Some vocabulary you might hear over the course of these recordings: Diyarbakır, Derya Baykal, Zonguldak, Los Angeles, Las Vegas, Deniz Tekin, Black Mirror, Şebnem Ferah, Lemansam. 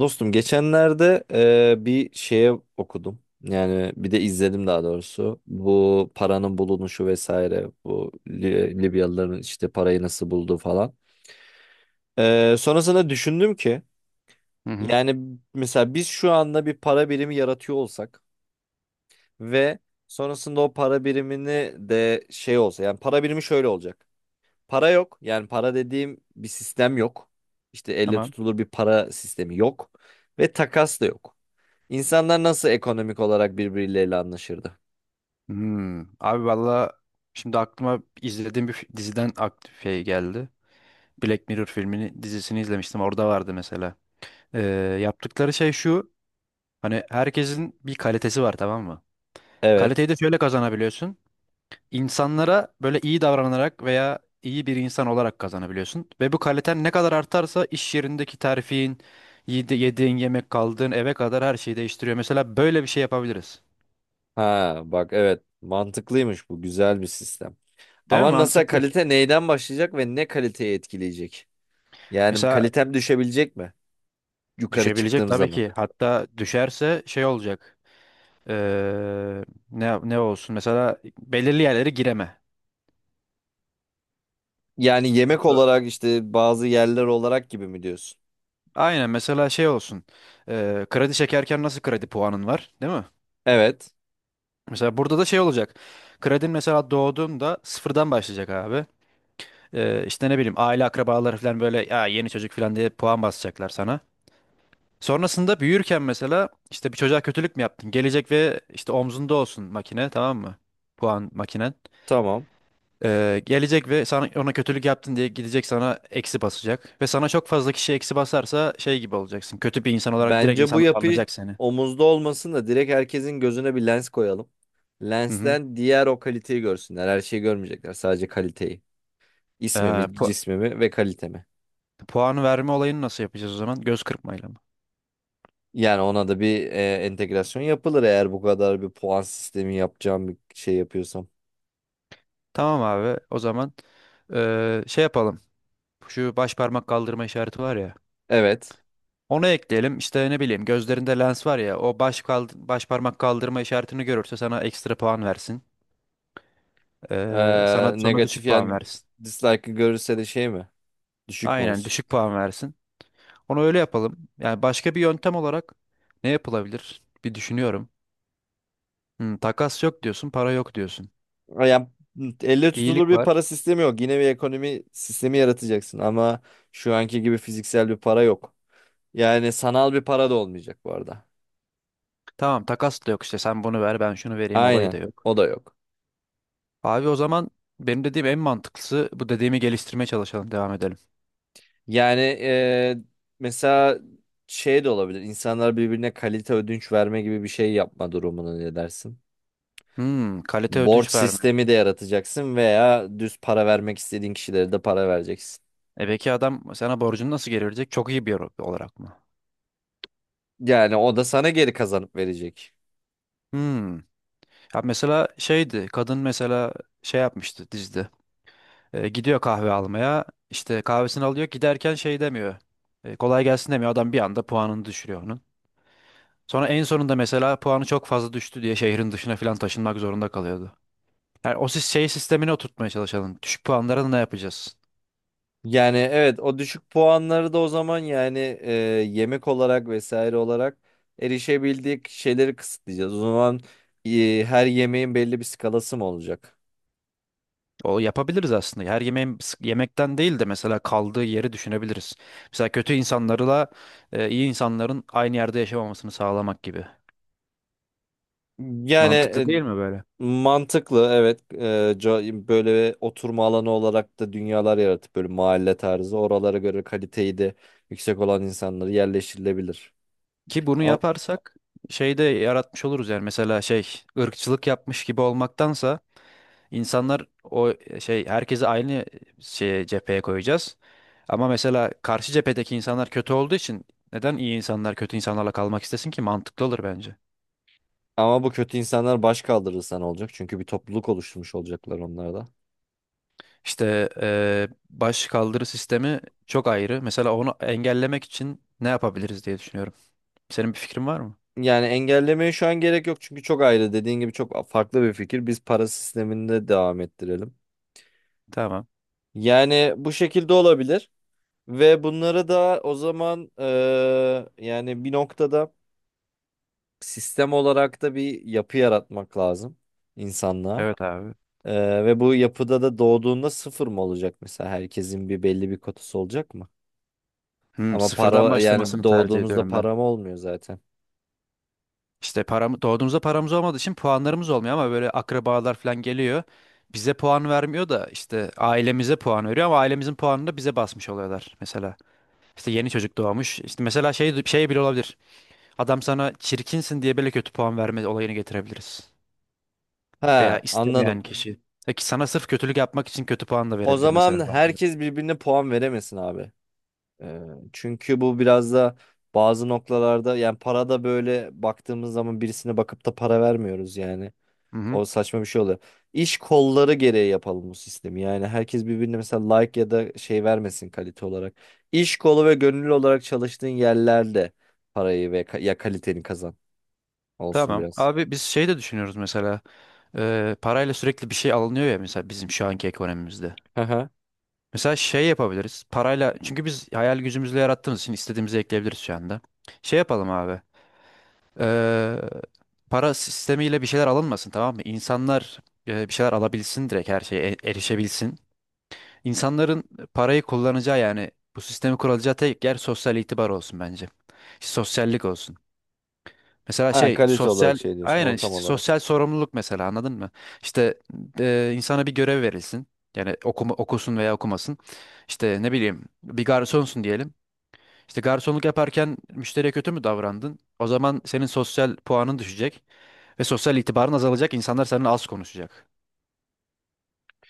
Dostum geçenlerde bir şeye okudum. Yani bir de izledim daha doğrusu. Bu paranın bulunuşu vesaire. Bu Libyalıların işte parayı nasıl bulduğu falan. Sonrasında düşündüm ki Hı hı. yani mesela biz şu anda bir para birimi yaratıyor olsak ve sonrasında o para birimini de şey olsa yani para birimi şöyle olacak. Para yok. Yani para dediğim bir sistem yok. İşte elle Tamam. tutulur bir para sistemi yok ve takas da yok. İnsanlar nasıl ekonomik olarak birbirleriyle anlaşırdı? Hmm. Abi valla şimdi aklıma izlediğim bir diziden aktif şey geldi. Black Mirror filmini dizisini izlemiştim. Orada vardı mesela. Ee, Yaptıkları şey şu. Hani herkesin bir kalitesi var, tamam mı? Evet. Kaliteyi de şöyle kazanabiliyorsun. İnsanlara böyle iyi davranarak veya iyi bir insan olarak kazanabiliyorsun. Ve bu kaliten ne kadar artarsa iş yerindeki terfin, yediğin yemek, kaldığın eve kadar her şeyi değiştiriyor. Mesela böyle bir şey yapabiliriz. Ha bak evet, mantıklıymış, bu güzel bir sistem. Değil mi? Ama nasıl, Mantıklı. kalite neyden başlayacak ve ne kaliteyi etkileyecek? Yani Mesela kalitem düşebilecek mi yukarı Düşebilecek çıktığım tabii zaman? ki. Hatta düşerse şey olacak. Ee, ne olsun? Mesela belirli yerlere gireme. Yani yemek Nasıl? olarak, işte bazı yerler olarak gibi mi diyorsun? Aynen mesela şey olsun. Kredi çekerken nasıl kredi puanın var, değil mi? Evet, Mesela burada da şey olacak. Kredin mesela doğduğunda sıfırdan başlayacak abi. İşte ne bileyim, aile akrabaları falan böyle ya yeni çocuk falan diye puan basacaklar sana. Sonrasında büyürken mesela işte bir çocuğa kötülük mü yaptın? Gelecek ve işte omzunda olsun makine, tamam mı? Puan makinen. tamam. Gelecek ve sana ona kötülük yaptın diye gidecek, sana eksi basacak. Ve sana çok fazla kişi eksi basarsa şey gibi olacaksın. Kötü bir insan olarak direkt Bence bu insanlar yapı anlayacak seni. omuzda olmasın da direkt herkesin gözüne bir lens koyalım. Hı hı. Lensten diğer, o kaliteyi görsünler. Her şeyi görmeyecekler, sadece kaliteyi. Ee, İsmimi, pu- cismimi ve kalitemi. Puan verme olayını nasıl yapacağız o zaman? Göz kırpmayla mı? Yani ona da bir entegrasyon yapılır, eğer bu kadar bir puan sistemi yapacağım bir şey yapıyorsam. Tamam abi, o zaman şey yapalım. Şu baş parmak kaldırma işareti var ya. Evet. Onu ekleyelim. İşte ne bileyim, gözlerinde lens var ya. O baş parmak kaldırma işaretini görürse sana ekstra puan versin. Sana sonra Negatif düşük puan yani, versin. dislike'ı görürse de şey mi? Düşük mü Aynen, olsun? düşük puan versin. Onu öyle yapalım. Yani başka bir yöntem olarak ne yapılabilir? Bir düşünüyorum. Hmm, takas yok diyorsun, para yok diyorsun. Yani elle tutulur İyilik bir var. para sistemi yok. Yine bir ekonomi sistemi yaratacaksın ama şu anki gibi fiziksel bir para yok. Yani sanal bir para da olmayacak bu arada. Tamam, takas da yok işte. Sen bunu ver, ben şunu vereyim olayı da Aynen. yok. O da yok. Abi o zaman benim dediğim en mantıklısı bu, dediğimi geliştirmeye çalışalım, devam edelim. Yani mesela şey de olabilir. İnsanlar birbirine kalite ödünç verme gibi bir şey yapma durumunu, ne dersin? Hmm, kalite Borç ödünç verme. sistemi de yaratacaksın veya düz para vermek istediğin kişilere de para vereceksin. E peki adam sana borcunu nasıl geri verecek? Çok iyi bir yer olarak mı? Yani o da sana geri kazanıp verecek. Hmm. Ya mesela şeydi, kadın mesela şey yapmıştı dizide. Gidiyor kahve almaya. İşte kahvesini alıyor. Giderken şey demiyor. Kolay gelsin demiyor. Adam bir anda puanını düşürüyor onun. Sonra en sonunda mesela puanı çok fazla düştü diye şehrin dışına falan taşınmak zorunda kalıyordu. Yani o şey sistemini oturtmaya çalışalım. Düşük puanlara ne yapacağız? Yani evet, o düşük puanları da o zaman yani yemek olarak vesaire olarak erişebildik şeyleri kısıtlayacağız. O zaman her yemeğin belli bir skalası mı olacak? O yapabiliriz aslında. Yemekten değil de mesela kaldığı yeri düşünebiliriz. Mesela kötü insanlarla iyi insanların aynı yerde yaşamamasını sağlamak gibi. Mantıklı Yani değil mi böyle? mantıklı, evet. Böyle oturma alanı olarak da dünyalar yaratıp böyle mahalle tarzı oralara göre kaliteyi de yüksek olan insanları yerleştirilebilir. Ki bunu Ama, yaparsak şey de yaratmış oluruz, yani mesela şey, ırkçılık yapmış gibi olmaktansa insanlar o şey, herkesi aynı şeye, cepheye koyacağız. Ama mesela karşı cephedeki insanlar kötü olduğu için neden iyi insanlar kötü insanlarla kalmak istesin ki, mantıklı olur bence. ama bu kötü insanlar baş kaldırırsa ne olacak? Çünkü bir topluluk oluşturmuş olacaklar onlar da. İşte baş kaldırı sistemi çok ayrı. Mesela onu engellemek için ne yapabiliriz diye düşünüyorum. Senin bir fikrin var mı? Yani engellemeye şu an gerek yok çünkü çok ayrı, dediğin gibi çok farklı bir fikir. Biz para sisteminde devam ettirelim. Tamam. Yani bu şekilde olabilir ve bunları da o zaman yani bir noktada sistem olarak da bir yapı yaratmak lazım insanlığa. Evet abi. Ve bu yapıda da doğduğunda sıfır mı olacak mesela? Herkesin bir belli bir kotası olacak mı? Hmm, Ama sıfırdan para, yani başlamasını tercih doğduğumuzda ediyorum ben. param olmuyor zaten. İşte param, doğduğumuzda paramız olmadığı için puanlarımız olmuyor, ama böyle akrabalar falan geliyor. Bize puan vermiyor da işte ailemize puan veriyor, ama ailemizin puanını da bize basmış oluyorlar mesela. İşte yeni çocuk doğmuş. İşte mesela şey, şey bile olabilir. Adam sana çirkinsin diye böyle kötü puan verme olayını getirebiliriz. Veya Ha, anladım. istemeyen kişi. Peki sana sırf kötülük yapmak için kötü puan da O verebilir mesela zaman bazıları. herkes birbirine puan veremesin abi. Ee, Çünkü bu biraz da bazı noktalarda, yani para da böyle baktığımız zaman birisine bakıp da para vermiyoruz yani. Hı hı. O saçma bir şey oluyor. İş kolları gereği yapalım bu sistemi. Yani herkes birbirine mesela like ya da şey vermesin kalite olarak. İş kolu ve gönüllü olarak çalıştığın yerlerde parayı ve kaliteni kazan olsun Tamam. biraz. Abi biz şey de düşünüyoruz mesela. Parayla sürekli bir şey alınıyor ya, mesela bizim şu anki ekonomimizde. Hı hı. Mesela şey yapabiliriz. Parayla, çünkü biz hayal gücümüzle yarattığımız için istediğimizi ekleyebiliriz şu anda. Şey yapalım abi. Ee, Para sistemiyle bir şeyler alınmasın, tamam mı? İnsanlar bir şeyler alabilsin, direkt her şeye erişebilsin. İnsanların parayı kullanacağı, yani bu sistemi kurulacağı tek yer sosyal itibar olsun bence. Sosyallik olsun. Mesela Ha, şey, kalite olarak sosyal, şey diyorsun, aynen, ortam işte olarak. sosyal sorumluluk mesela, anladın mı? İşte insana bir görev verilsin. Yani okuma, okusun veya okumasın. İşte ne bileyim, bir garsonsun diyelim. İşte garsonluk yaparken müşteriye kötü mü davrandın? O zaman senin sosyal puanın düşecek ve sosyal itibarın azalacak. İnsanlar seninle az konuşacak.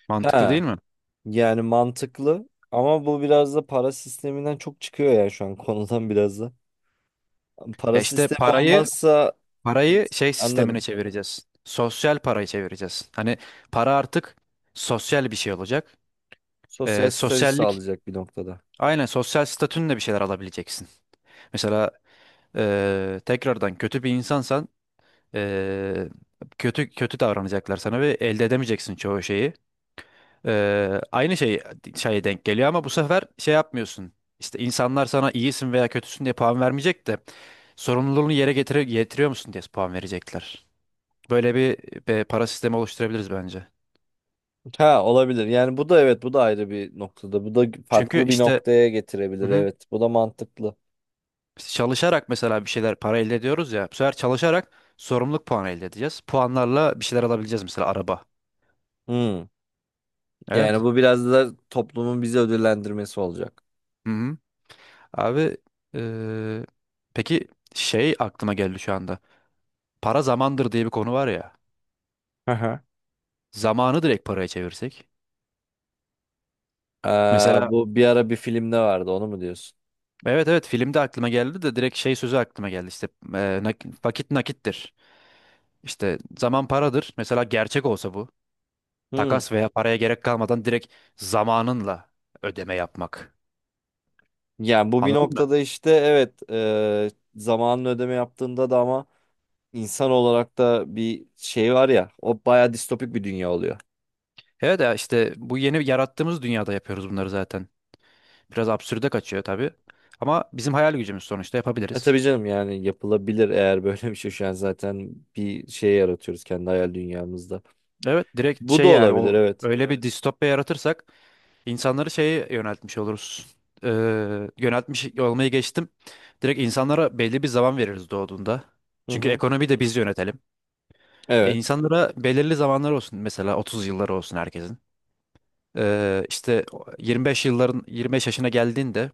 Mantıklı değil Ha, mi? yani mantıklı ama bu biraz da para sisteminden çok çıkıyor ya şu an konudan biraz da. Para Ya işte sistemi parayı olmazsa, parayı şey sistemine anladım. çevireceğiz. Sosyal parayı çevireceğiz. Hani para artık sosyal bir şey olacak. Sosyal statü Sosyallik, sağlayacak bir noktada. aynen, sosyal statünle bir şeyler alabileceksin. Mesela tekrardan kötü bir insansan, eee, kötü kötü davranacaklar sana ve elde edemeyeceksin çoğu şeyi. Aynı şey şeye denk geliyor, ama bu sefer şey yapmıyorsun. İşte insanlar sana iyisin veya kötüsün diye puan vermeyecek de getiriyor musun diye puan verecekler. Böyle bir, para sistemi oluşturabiliriz bence. Ha, olabilir. Yani bu da evet, bu da ayrı bir noktada. Bu da Çünkü farklı bir işte noktaya getirebilir. Mhm. Evet, bu da mantıklı. Biz çalışarak mesela bir şeyler, para elde ediyoruz ya. Bu sefer çalışarak sorumluluk puanı elde edeceğiz. Puanlarla bir şeyler alabileceğiz, mesela araba. Hmm. Yani Evet. bu biraz da toplumun bizi ödüllendirmesi olacak. Hı hı. Abi eee, peki şey aklıma geldi şu anda. Para zamandır diye bir konu var ya. Hı hı. Zamanı direkt paraya çevirsek. Ee, Mesela Bu bir ara bir filmde vardı, onu mu diyorsun? evet evet, filmde aklıma geldi de direkt şey sözü aklıma geldi işte vakit nakittir. İşte zaman paradır. Mesela gerçek olsa bu, Hmm. takas veya paraya gerek kalmadan direkt zamanınla ödeme yapmak. Yani bu bir Anladın mı? noktada işte evet, zamanın ödeme yaptığında da, ama insan olarak da bir şey var ya, o baya distopik bir dünya oluyor. Evet ya, işte bu yeni yarattığımız dünyada yapıyoruz bunları zaten. Biraz absürde kaçıyor tabii. Ama bizim hayal gücümüz, sonuçta E yapabiliriz. tabii canım, yani yapılabilir, eğer böyle bir şey şu an zaten bir şey yaratıyoruz kendi hayal dünyamızda. Evet, direkt Bu da şey, yani olabilir, o evet. öyle bir distopya yaratırsak insanları şeye yöneltmiş oluruz. Ee, Yöneltmiş olmayı geçtim. Direkt insanlara belli bir zaman veririz doğduğunda. Hı Çünkü hı. ekonomiyi de biz yönetelim. E, Evet. insanlara belirli zamanlar olsun, mesela 30 yılları olsun herkesin. İşte 25 yılların, 25 yaşına geldiğinde,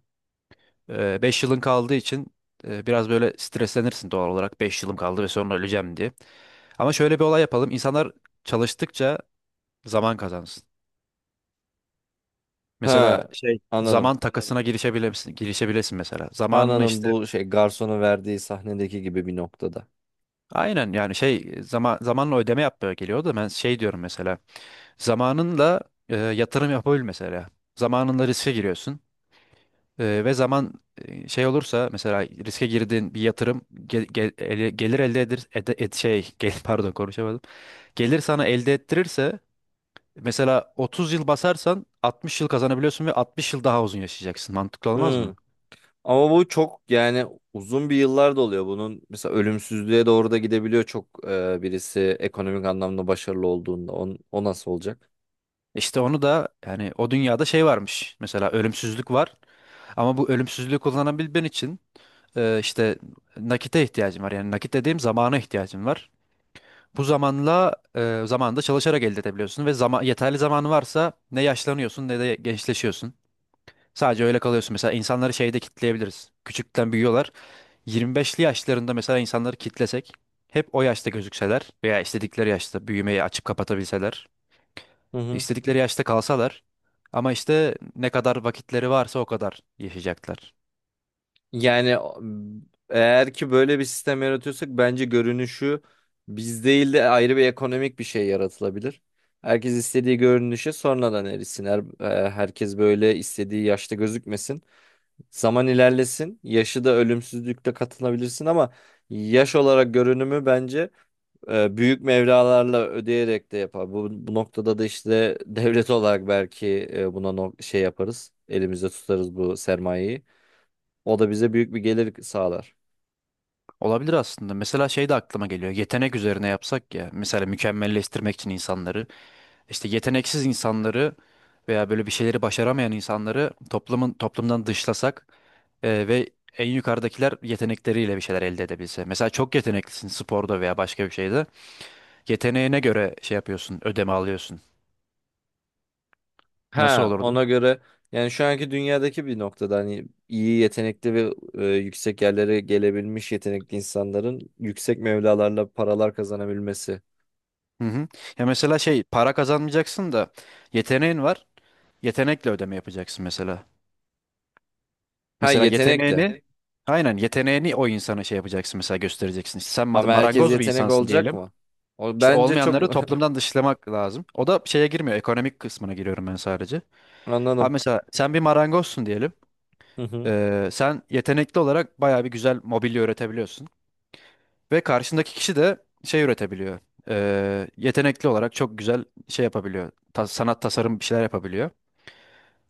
beş yılın kaldığı için biraz böyle streslenirsin doğal olarak, 5 yılım kaldı ve sonra öleceğim diye. Ama şöyle bir olay yapalım. İnsanlar çalıştıkça zaman kazansın. Mesela Ha, şey, anladım. zaman takasına girişebilirsin mesela. Zamanını Anladım, işte, bu şey, garsonun verdiği sahnedeki gibi bir noktada. aynen, yani şey, zaman, zamanla ödeme yapmaya geliyor da ben şey diyorum mesela. Zamanınla yatırım yapabil mesela. Zamanınla riske giriyorsun. Ve zaman şey olursa, mesela riske girdiğin bir yatırım gelir elde edir ede- et, şey gel, pardon konuşamadım. Gelir sana elde ettirirse mesela 30 yıl basarsan 60 yıl kazanabiliyorsun ve 60 yıl daha uzun yaşayacaksın. Mantıklı olmaz mı? Hı. Ama bu çok yani uzun bir yıllar da oluyor bunun. Mesela ölümsüzlüğe doğru da gidebiliyor çok, birisi ekonomik anlamda başarılı olduğunda. O nasıl olacak? İşte onu da, yani o dünyada şey varmış. Mesela ölümsüzlük var, ama bu ölümsüzlüğü kullanabilmen için işte nakite ihtiyacın var. Yani nakit dediğim zamana ihtiyacın var. Bu zamanla zamanda çalışarak elde edebiliyorsun ve zaman, yeterli zamanı varsa ne yaşlanıyorsun ne de gençleşiyorsun. Sadece öyle kalıyorsun. Mesela insanları şeyde kitleyebiliriz. Küçükten büyüyorlar. 25'li yaşlarında mesela insanları kitlesek, hep o yaşta gözükseler veya istedikleri yaşta büyümeyi açıp kapatabilseler, Hı hı. istedikleri yaşta kalsalar, ama işte ne kadar vakitleri varsa o kadar yaşayacaklar. Yani eğer ki böyle bir sistem yaratıyorsak bence görünüşü biz değil de ayrı bir ekonomik bir şey yaratılabilir. Herkes istediği görünüşe sonradan erisin. Herkes böyle istediği yaşta gözükmesin. Zaman ilerlesin. Yaşı da ölümsüzlükle katılabilirsin ama yaş olarak görünümü bence büyük mevralarla ödeyerek de yapar. Bu noktada da işte devlet olarak belki buna şey yaparız. Elimizde tutarız bu sermayeyi. O da bize büyük bir gelir sağlar. Olabilir aslında. Mesela şey de aklıma geliyor. Yetenek üzerine yapsak ya. Mesela mükemmelleştirmek için insanları. İşte yeteneksiz insanları veya böyle bir şeyleri başaramayan insanları toplumdan dışlasak ve en yukarıdakiler yetenekleriyle bir şeyler elde edebilse. Mesela çok yeteneklisin sporda veya başka bir şeyde. Yeteneğine göre şey yapıyorsun, ödeme alıyorsun. Nasıl Ha, olurdu? ona göre yani şu anki dünyadaki bir noktada hani iyi yetenekli ve yüksek yerlere gelebilmiş yetenekli insanların yüksek mevlalarla paralar kazanabilmesi. Hı hı. Ya mesela şey, para kazanmayacaksın da yeteneğin var. Yetenekle ödeme yapacaksın mesela. Ha, Mesela yetenekle. yeteneğini, aynen, yeteneğini o insana şey yapacaksın, mesela göstereceksin. İşte sen Ama herkes marangoz bir yetenek insansın olacak diyelim. mı? O İşte bence çok olmayanları toplumdan dışlamak lazım. O da şeye girmiyor. Ekonomik kısmına giriyorum ben sadece. Ha, anladım. mesela sen bir marangozsun diyelim. Hı hı. Sen yetenekli olarak bayağı bir güzel mobilya üretebiliyorsun. Ve karşındaki kişi de şey üretebiliyor. Yetenekli olarak çok güzel şey yapabiliyor. Sanat, tasarım bir şeyler yapabiliyor.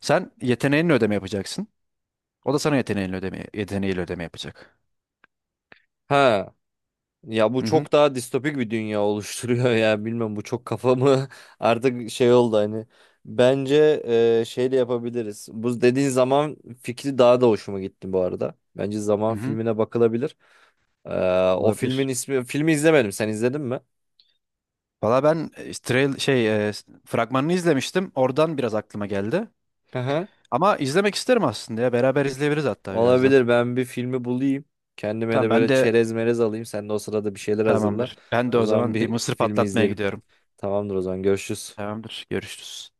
Sen yeteneğinle ödeme yapacaksın. O da sana yeteneğinle ödeme, yeteneğiyle ödeme yapacak. Ha. Ya bu Hı hı. çok daha distopik bir dünya oluşturuyor ya, bilmem bu çok kafamı artık şey oldu hani. Bence şeyle yapabiliriz. Bu dediğin zaman fikri daha da hoşuma gitti bu arada. Bence zaman Hı hı. filmine bakılabilir. O filmin Olabilir. ismi, filmi izlemedim. Sen izledin mi? Valla ben fragmanını izlemiştim. Oradan biraz aklıma geldi. Aha. Ama izlemek isterim aslında ya. Beraber izleyebiliriz hatta birazdan. Olabilir, ben bir filmi bulayım. Kendime de Tamam, ben böyle de çerez merez alayım. Sen de o sırada bir şeyler hazırla. tamamdır. Ben de O o zaman zaman bir bir mısır filmi patlatmaya izleyelim. gidiyorum. Tamamdır, o zaman görüşürüz. Tamamdır. Görüşürüz.